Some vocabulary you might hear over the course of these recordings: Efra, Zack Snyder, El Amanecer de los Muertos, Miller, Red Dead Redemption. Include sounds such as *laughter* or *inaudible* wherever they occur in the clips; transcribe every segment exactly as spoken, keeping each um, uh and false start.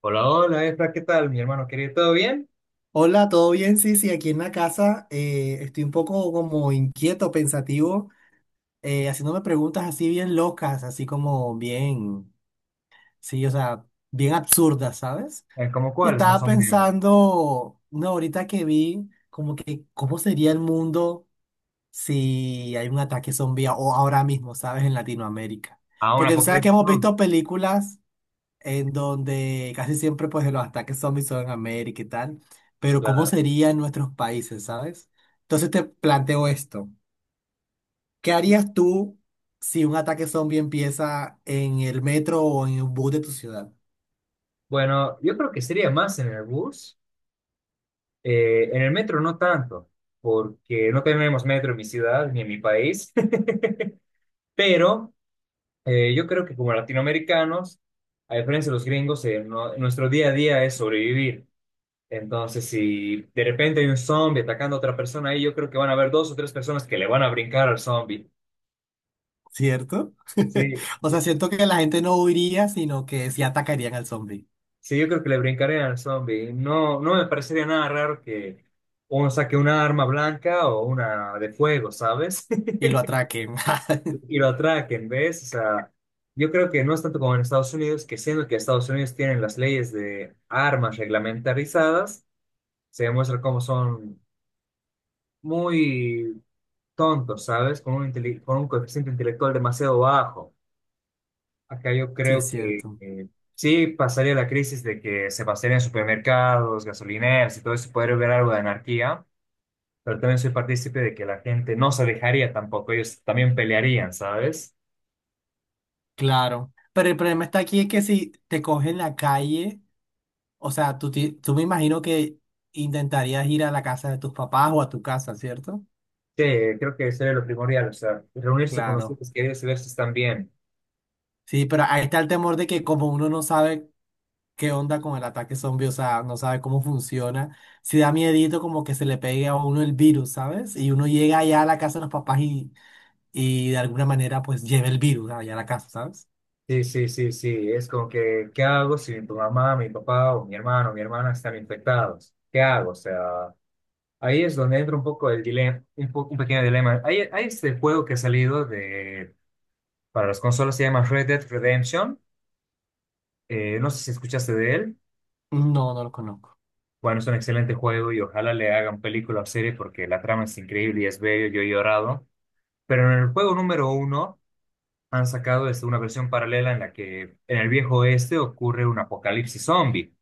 Hola, hola, Efra, ¿qué tal, mi hermano querido? ¿Todo bien? Hola, ¿todo bien? Sí, sí, aquí en la casa eh, estoy un poco como inquieto, pensativo, eh, haciéndome preguntas así bien locas, así como bien, sí, o sea, bien absurdas, ¿sabes? Eh, ¿Cómo Y cuáles más estaba o menos? pensando, no, ahorita que vi, como que, ¿cómo sería el mundo si hay un ataque zombie o ahora mismo, ¿sabes? En Latinoamérica. Ah, un Porque tú sabes que apocalipsis hemos zombie, visto películas en donde casi siempre pues los ataques zombies son en América y tal, pero ¿cómo claro. sería en nuestros países, sabes? Entonces te planteo esto, ¿qué harías tú si un ataque zombie empieza en el metro o en un bus de tu ciudad? Bueno, yo creo que sería más en el bus, eh, en el metro no tanto, porque no tenemos metro en mi ciudad ni en mi país, *laughs* pero eh, yo creo que como latinoamericanos, a diferencia de los gringos, eh, no- nuestro día a día es sobrevivir. Entonces, si de repente hay un zombie atacando a otra persona ahí, yo creo que van a haber dos o tres personas que le van a brincar al zombie. ¿Cierto? *laughs* Sí, O sea, siento que la gente no huiría, sino que sí atacarían al zombie Sí, yo creo que le brincaría al zombie. No, no me parecería nada raro que uno saque una arma blanca o una de fuego, ¿sabes? y *laughs* lo atraquen. *laughs* Y lo atraquen, ¿ves? O sea, yo creo que no es tanto como en Estados Unidos, que siendo que Estados Unidos tienen las leyes de armas reglamentarizadas, se demuestra cómo son muy tontos, ¿sabes? Con un, intele- con un coeficiente intelectual demasiado bajo. Acá yo Sí, es creo que cierto. eh, sí pasaría la crisis de que se basaría en supermercados, gasolineras y todo eso, podría haber algo de anarquía, pero también soy partícipe de que la gente no se dejaría tampoco, ellos también pelearían, ¿sabes? Claro. Pero el problema está aquí es que si te cogen en la calle. O sea, tú, ti- tú me imagino que intentarías ir a la casa de tus papás o a tu casa, ¿cierto? Sí, creo que sería lo primordial, o sea, reunirse con los Claro. seres queridos y ver si están bien. Sí, pero ahí está el temor de que como uno no sabe qué onda con el ataque zombie, o sea, no sabe cómo funciona, si da miedito como que se le pegue a uno el virus, ¿sabes? Y uno llega allá a la casa de los papás y, y de alguna manera pues lleve el virus allá a la casa, ¿sabes? Sí, sí, sí, sí, es como que, ¿qué hago si mi mamá, mi papá o mi hermano o mi hermana están infectados? ¿Qué hago? O sea, ahí es donde entra un poco el dilema, un, po- un pequeño dilema. Hay, hay este juego que ha salido de. Para las consolas se llama Red Dead Redemption. Eh, no sé si escuchaste de él. No, no lo conozco. Bueno, es un excelente juego y ojalá le hagan película o serie porque la trama es increíble y es bello, yo he llorado. Pero en el juego número uno han sacado este, una versión paralela en la que en el viejo oeste ocurre un apocalipsis zombie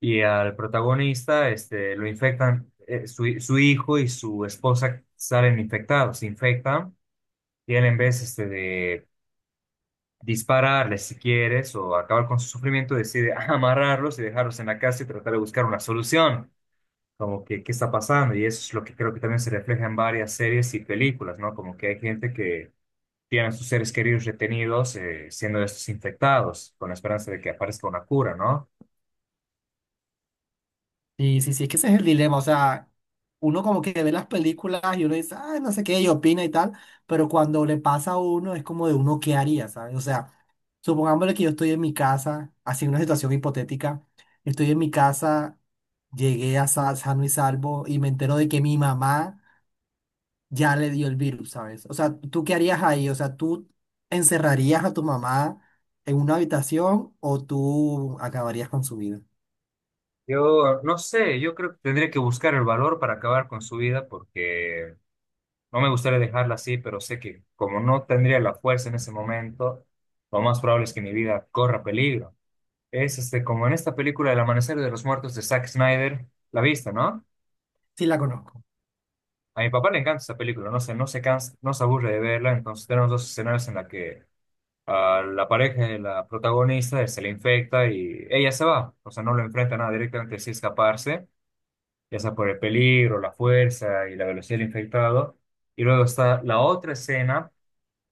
y al protagonista este, lo infectan, eh, su, su hijo y su esposa salen infectados, se infectan y él en vez este, de dispararles si quieres o acabar con su sufrimiento, decide *laughs* amarrarlos y dejarlos en la casa y tratar de buscar una solución, como que qué está pasando. Y eso es lo que creo que también se refleja en varias series y películas, ¿no? Como que hay gente que tiene a sus seres queridos retenidos eh, siendo estos infectados, con la esperanza de que aparezca una cura, ¿no? Sí, sí, sí, es que ese es el dilema, o sea, uno como que ve las películas y uno dice, ah, no sé qué, y opina y tal, pero cuando le pasa a uno es como de uno qué haría, ¿sabes? O sea, supongámosle que yo estoy en mi casa, así una situación hipotética, estoy en mi casa, llegué a sa- sano y salvo y me entero de que mi mamá ya le dio el virus, ¿sabes? O sea, ¿tú qué harías ahí? O sea, ¿tú encerrarías a tu mamá en una habitación o tú acabarías con su vida? Yo no sé, yo creo que tendría que buscar el valor para acabar con su vida porque no me gustaría dejarla así, pero sé que como no tendría la fuerza en ese momento, lo más probable es que mi vida corra peligro. Es este, como en esta película El Amanecer de los Muertos de Zack Snyder, la vista, ¿no? Sí, la conozco. A mi papá le encanta esa película, no se, no se cansa, no se aburre de verla, entonces tenemos dos escenarios en la que a la pareja de la protagonista se le infecta y ella se va, o sea, no lo enfrenta a nada directamente, sí escaparse, ya sea por el peligro, la fuerza y la velocidad del infectado. Y luego está la otra escena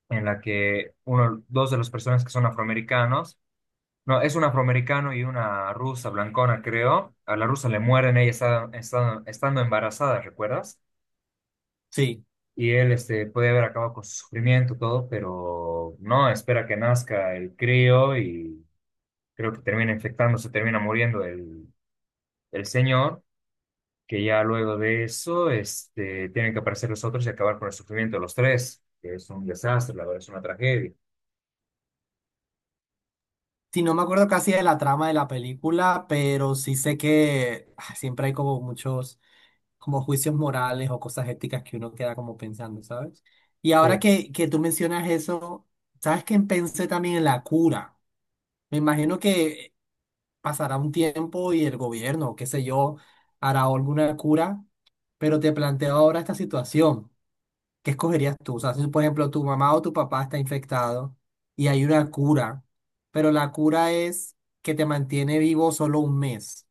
en la que uno, dos de los personas que son afroamericanos. No, es un afroamericano y una rusa blancona, creo. A la rusa le mueren, ella está, está- estando embarazada, ¿recuerdas? Sí. Y él este, puede haber acabado con su sufrimiento, todo, pero no, espera que nazca el crío y creo que termina infectándose, termina muriendo el, el señor, que ya luego de eso este, tienen que aparecer los otros y acabar con el sufrimiento de los tres, que es un desastre, la verdad, es una tragedia. Sí, no me acuerdo casi de la trama de la película, pero sí sé que ah, siempre hay como muchos como juicios morales o cosas éticas que uno queda como pensando, ¿sabes? Y Sí. ahora que, que tú mencionas eso, ¿sabes que pensé también en la cura? Me imagino que pasará un tiempo y el gobierno, qué sé yo, hará alguna cura, pero te planteo ahora esta situación. ¿Qué escogerías tú? O sea, si por ejemplo tu mamá o tu papá está infectado y hay una cura, pero la cura es que te mantiene vivo solo un mes.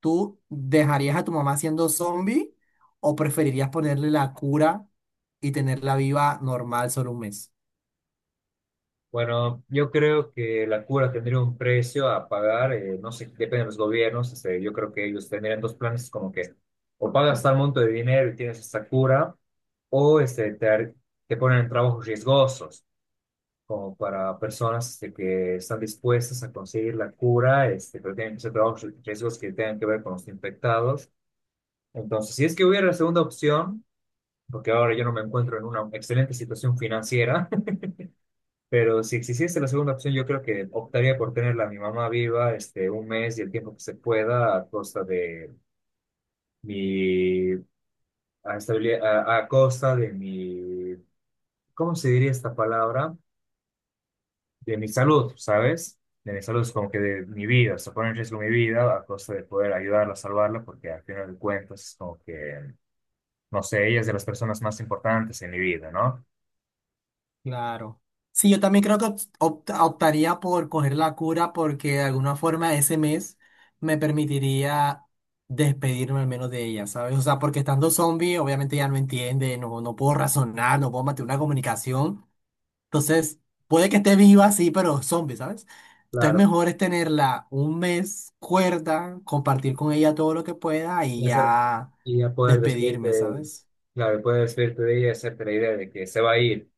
¿Tú dejarías a tu mamá siendo zombie o preferirías ponerle la cura y tenerla viva normal solo un mes? Bueno, yo creo que la cura tendría un precio a pagar, eh, no sé, depende de los gobiernos, este, yo creo que ellos tendrían dos planes como que o pagas tal monto de dinero y tienes esta cura, o este, te, ar- te ponen en trabajos riesgosos, como para personas este, que están dispuestas a conseguir la cura, este, pero tienen que ser trabajos riesgosos que tengan que ver con los infectados. Entonces, si es que hubiera la segunda opción, porque ahora yo no me encuentro en una excelente situación financiera, pero si existiese la segunda opción, yo creo que optaría por tenerla a mi mamá viva, este, un mes y el tiempo que se pueda, a costa de mi a estabilidad, a, a costa de mi, ¿cómo se diría esta palabra? De mi salud, ¿sabes? De mi salud, es como que de mi vida, o sea, en riesgo mi vida a costa de poder ayudarla, salvarla, porque al final de cuentas es como que, no sé, ella es de las personas más importantes en mi vida, ¿no? Claro. Sí, yo también creo que opt- opta- optaría por coger la cura porque de alguna forma ese mes me permitiría despedirme al menos de ella, ¿sabes? O sea, porque estando zombie, obviamente ya no entiende, no, no puedo razonar, no puedo mantener una comunicación. Entonces, puede que esté viva, sí, pero zombie, ¿sabes? Entonces, Claro. mejor es tenerla un mes cuerda, compartir con ella todo lo que pueda y y hacer- ya y a poder vestirte, despedirme, ¿sabes? claro, poder vestirte de ella y hacerte la idea de que se va a ir.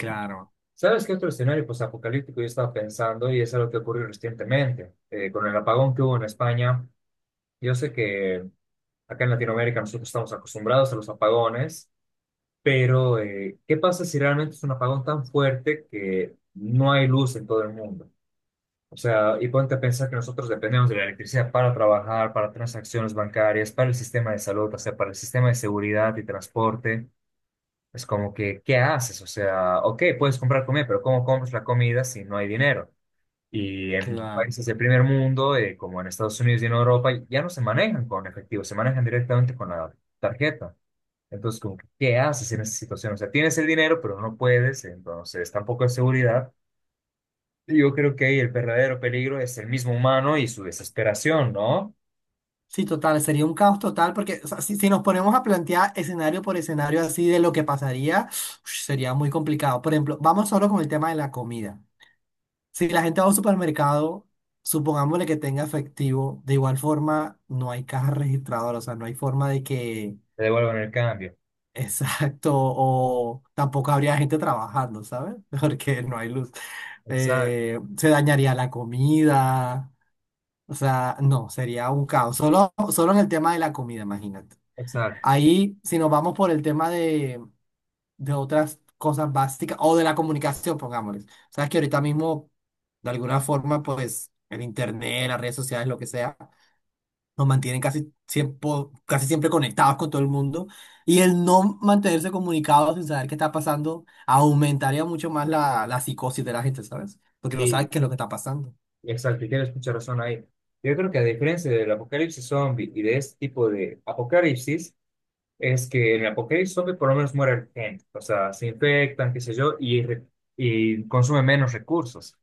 Claro, ¿Sabes qué otro escenario apocalíptico yo estaba pensando? Y es algo que ocurrió recientemente, eh, con el apagón que hubo en España. Yo sé que acá en Latinoamérica nosotros estamos acostumbrados a los apagones, pero eh, ¿qué pasa si realmente es un apagón tan fuerte que no hay luz en todo el mundo? O sea, y ponte a pensar que nosotros dependemos de la electricidad para trabajar, para transacciones bancarias, para el sistema de salud, o sea, para el sistema de seguridad y transporte. Es como que, ¿qué haces? O sea, ok, puedes comprar comida, pero ¿cómo compras la comida si no hay dinero? Y en claro. países del primer mundo, eh, como en Estados Unidos y en Europa, ya no se manejan con efectivo, se manejan directamente con la tarjeta. Entonces, como que, ¿qué haces en esa situación? O sea, tienes el dinero, pero no puedes, entonces tampoco hay seguridad. Yo creo que ahí el verdadero peligro es el mismo humano y su desesperación, ¿no? Sí, total, sería un caos total porque o sea, si, si nos ponemos a plantear escenario por escenario así de lo que pasaría, ush, sería muy complicado. Por ejemplo, vamos solo con el tema de la comida. Si la gente va a un supermercado, supongámosle que tenga efectivo, de igual forma no hay caja registradora, o sea, no hay forma de que, Te devuelvan el cambio. *laughs* exacto, o tampoco habría gente trabajando, ¿sabes? *laughs* Porque no hay luz. Exacto, Eh, se dañaría la comida, o sea, no, sería un caos. Solo, solo en el tema de la comida, imagínate. exacto. Ahí, si nos vamos por el tema de, de otras cosas básicas o de la comunicación, pongámosles. Sabes que ahorita mismo, de alguna forma, pues el internet, las redes sociales, lo que sea, nos mantienen casi siempre, casi siempre conectados con todo el mundo. Y el no mantenerse comunicados sin saber qué está pasando aumentaría mucho más la, la psicosis de la gente, ¿sabes? Porque no Sí, sabe qué es lo que está pasando. exacto, y tienes mucha razón ahí. Yo creo que a diferencia del apocalipsis zombie y de este tipo de apocalipsis, es que en el apocalipsis zombie por lo menos muere gente, o sea, se infectan, qué sé yo, y, re- y consume menos recursos.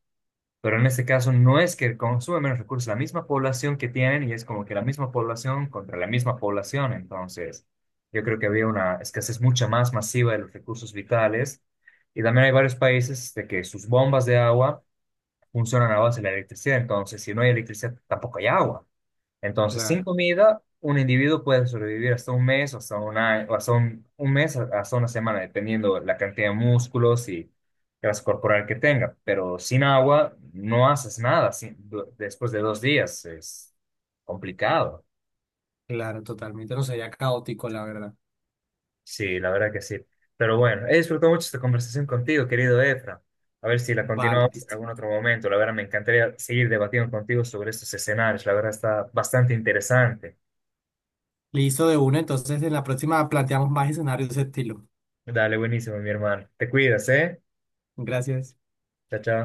Pero en este caso no es que consume menos recursos, la misma población que tienen y es como que la misma población contra la misma población. Entonces, yo creo que había una escasez mucha más masiva de los recursos vitales. Y también hay varios países de que sus bombas de agua funcionan a base de la electricidad. Entonces, si no hay electricidad, tampoco hay agua. Entonces, sin Claro, comida, un individuo puede sobrevivir hasta un mes, o hasta un año, o hasta un, un mes, a- hasta una semana, dependiendo la cantidad de músculos y grasa corporal que tenga. Pero sin agua, no haces nada sin- du- después de dos días. Es complicado. claro, totalmente. No sería caótico, la verdad. Sí, la verdad que sí. Pero bueno, he disfrutado mucho esta conversación contigo, querido Efra. A ver si la Vale, continuamos en listo. algún otro momento. La verdad, me encantaría seguir debatiendo contigo sobre estos escenarios. La verdad, está bastante interesante. Listo de una, entonces en la próxima planteamos más escenarios de ese estilo. Dale, buenísimo, mi hermano. Te cuidas, ¿eh? Gracias. Chao, chao.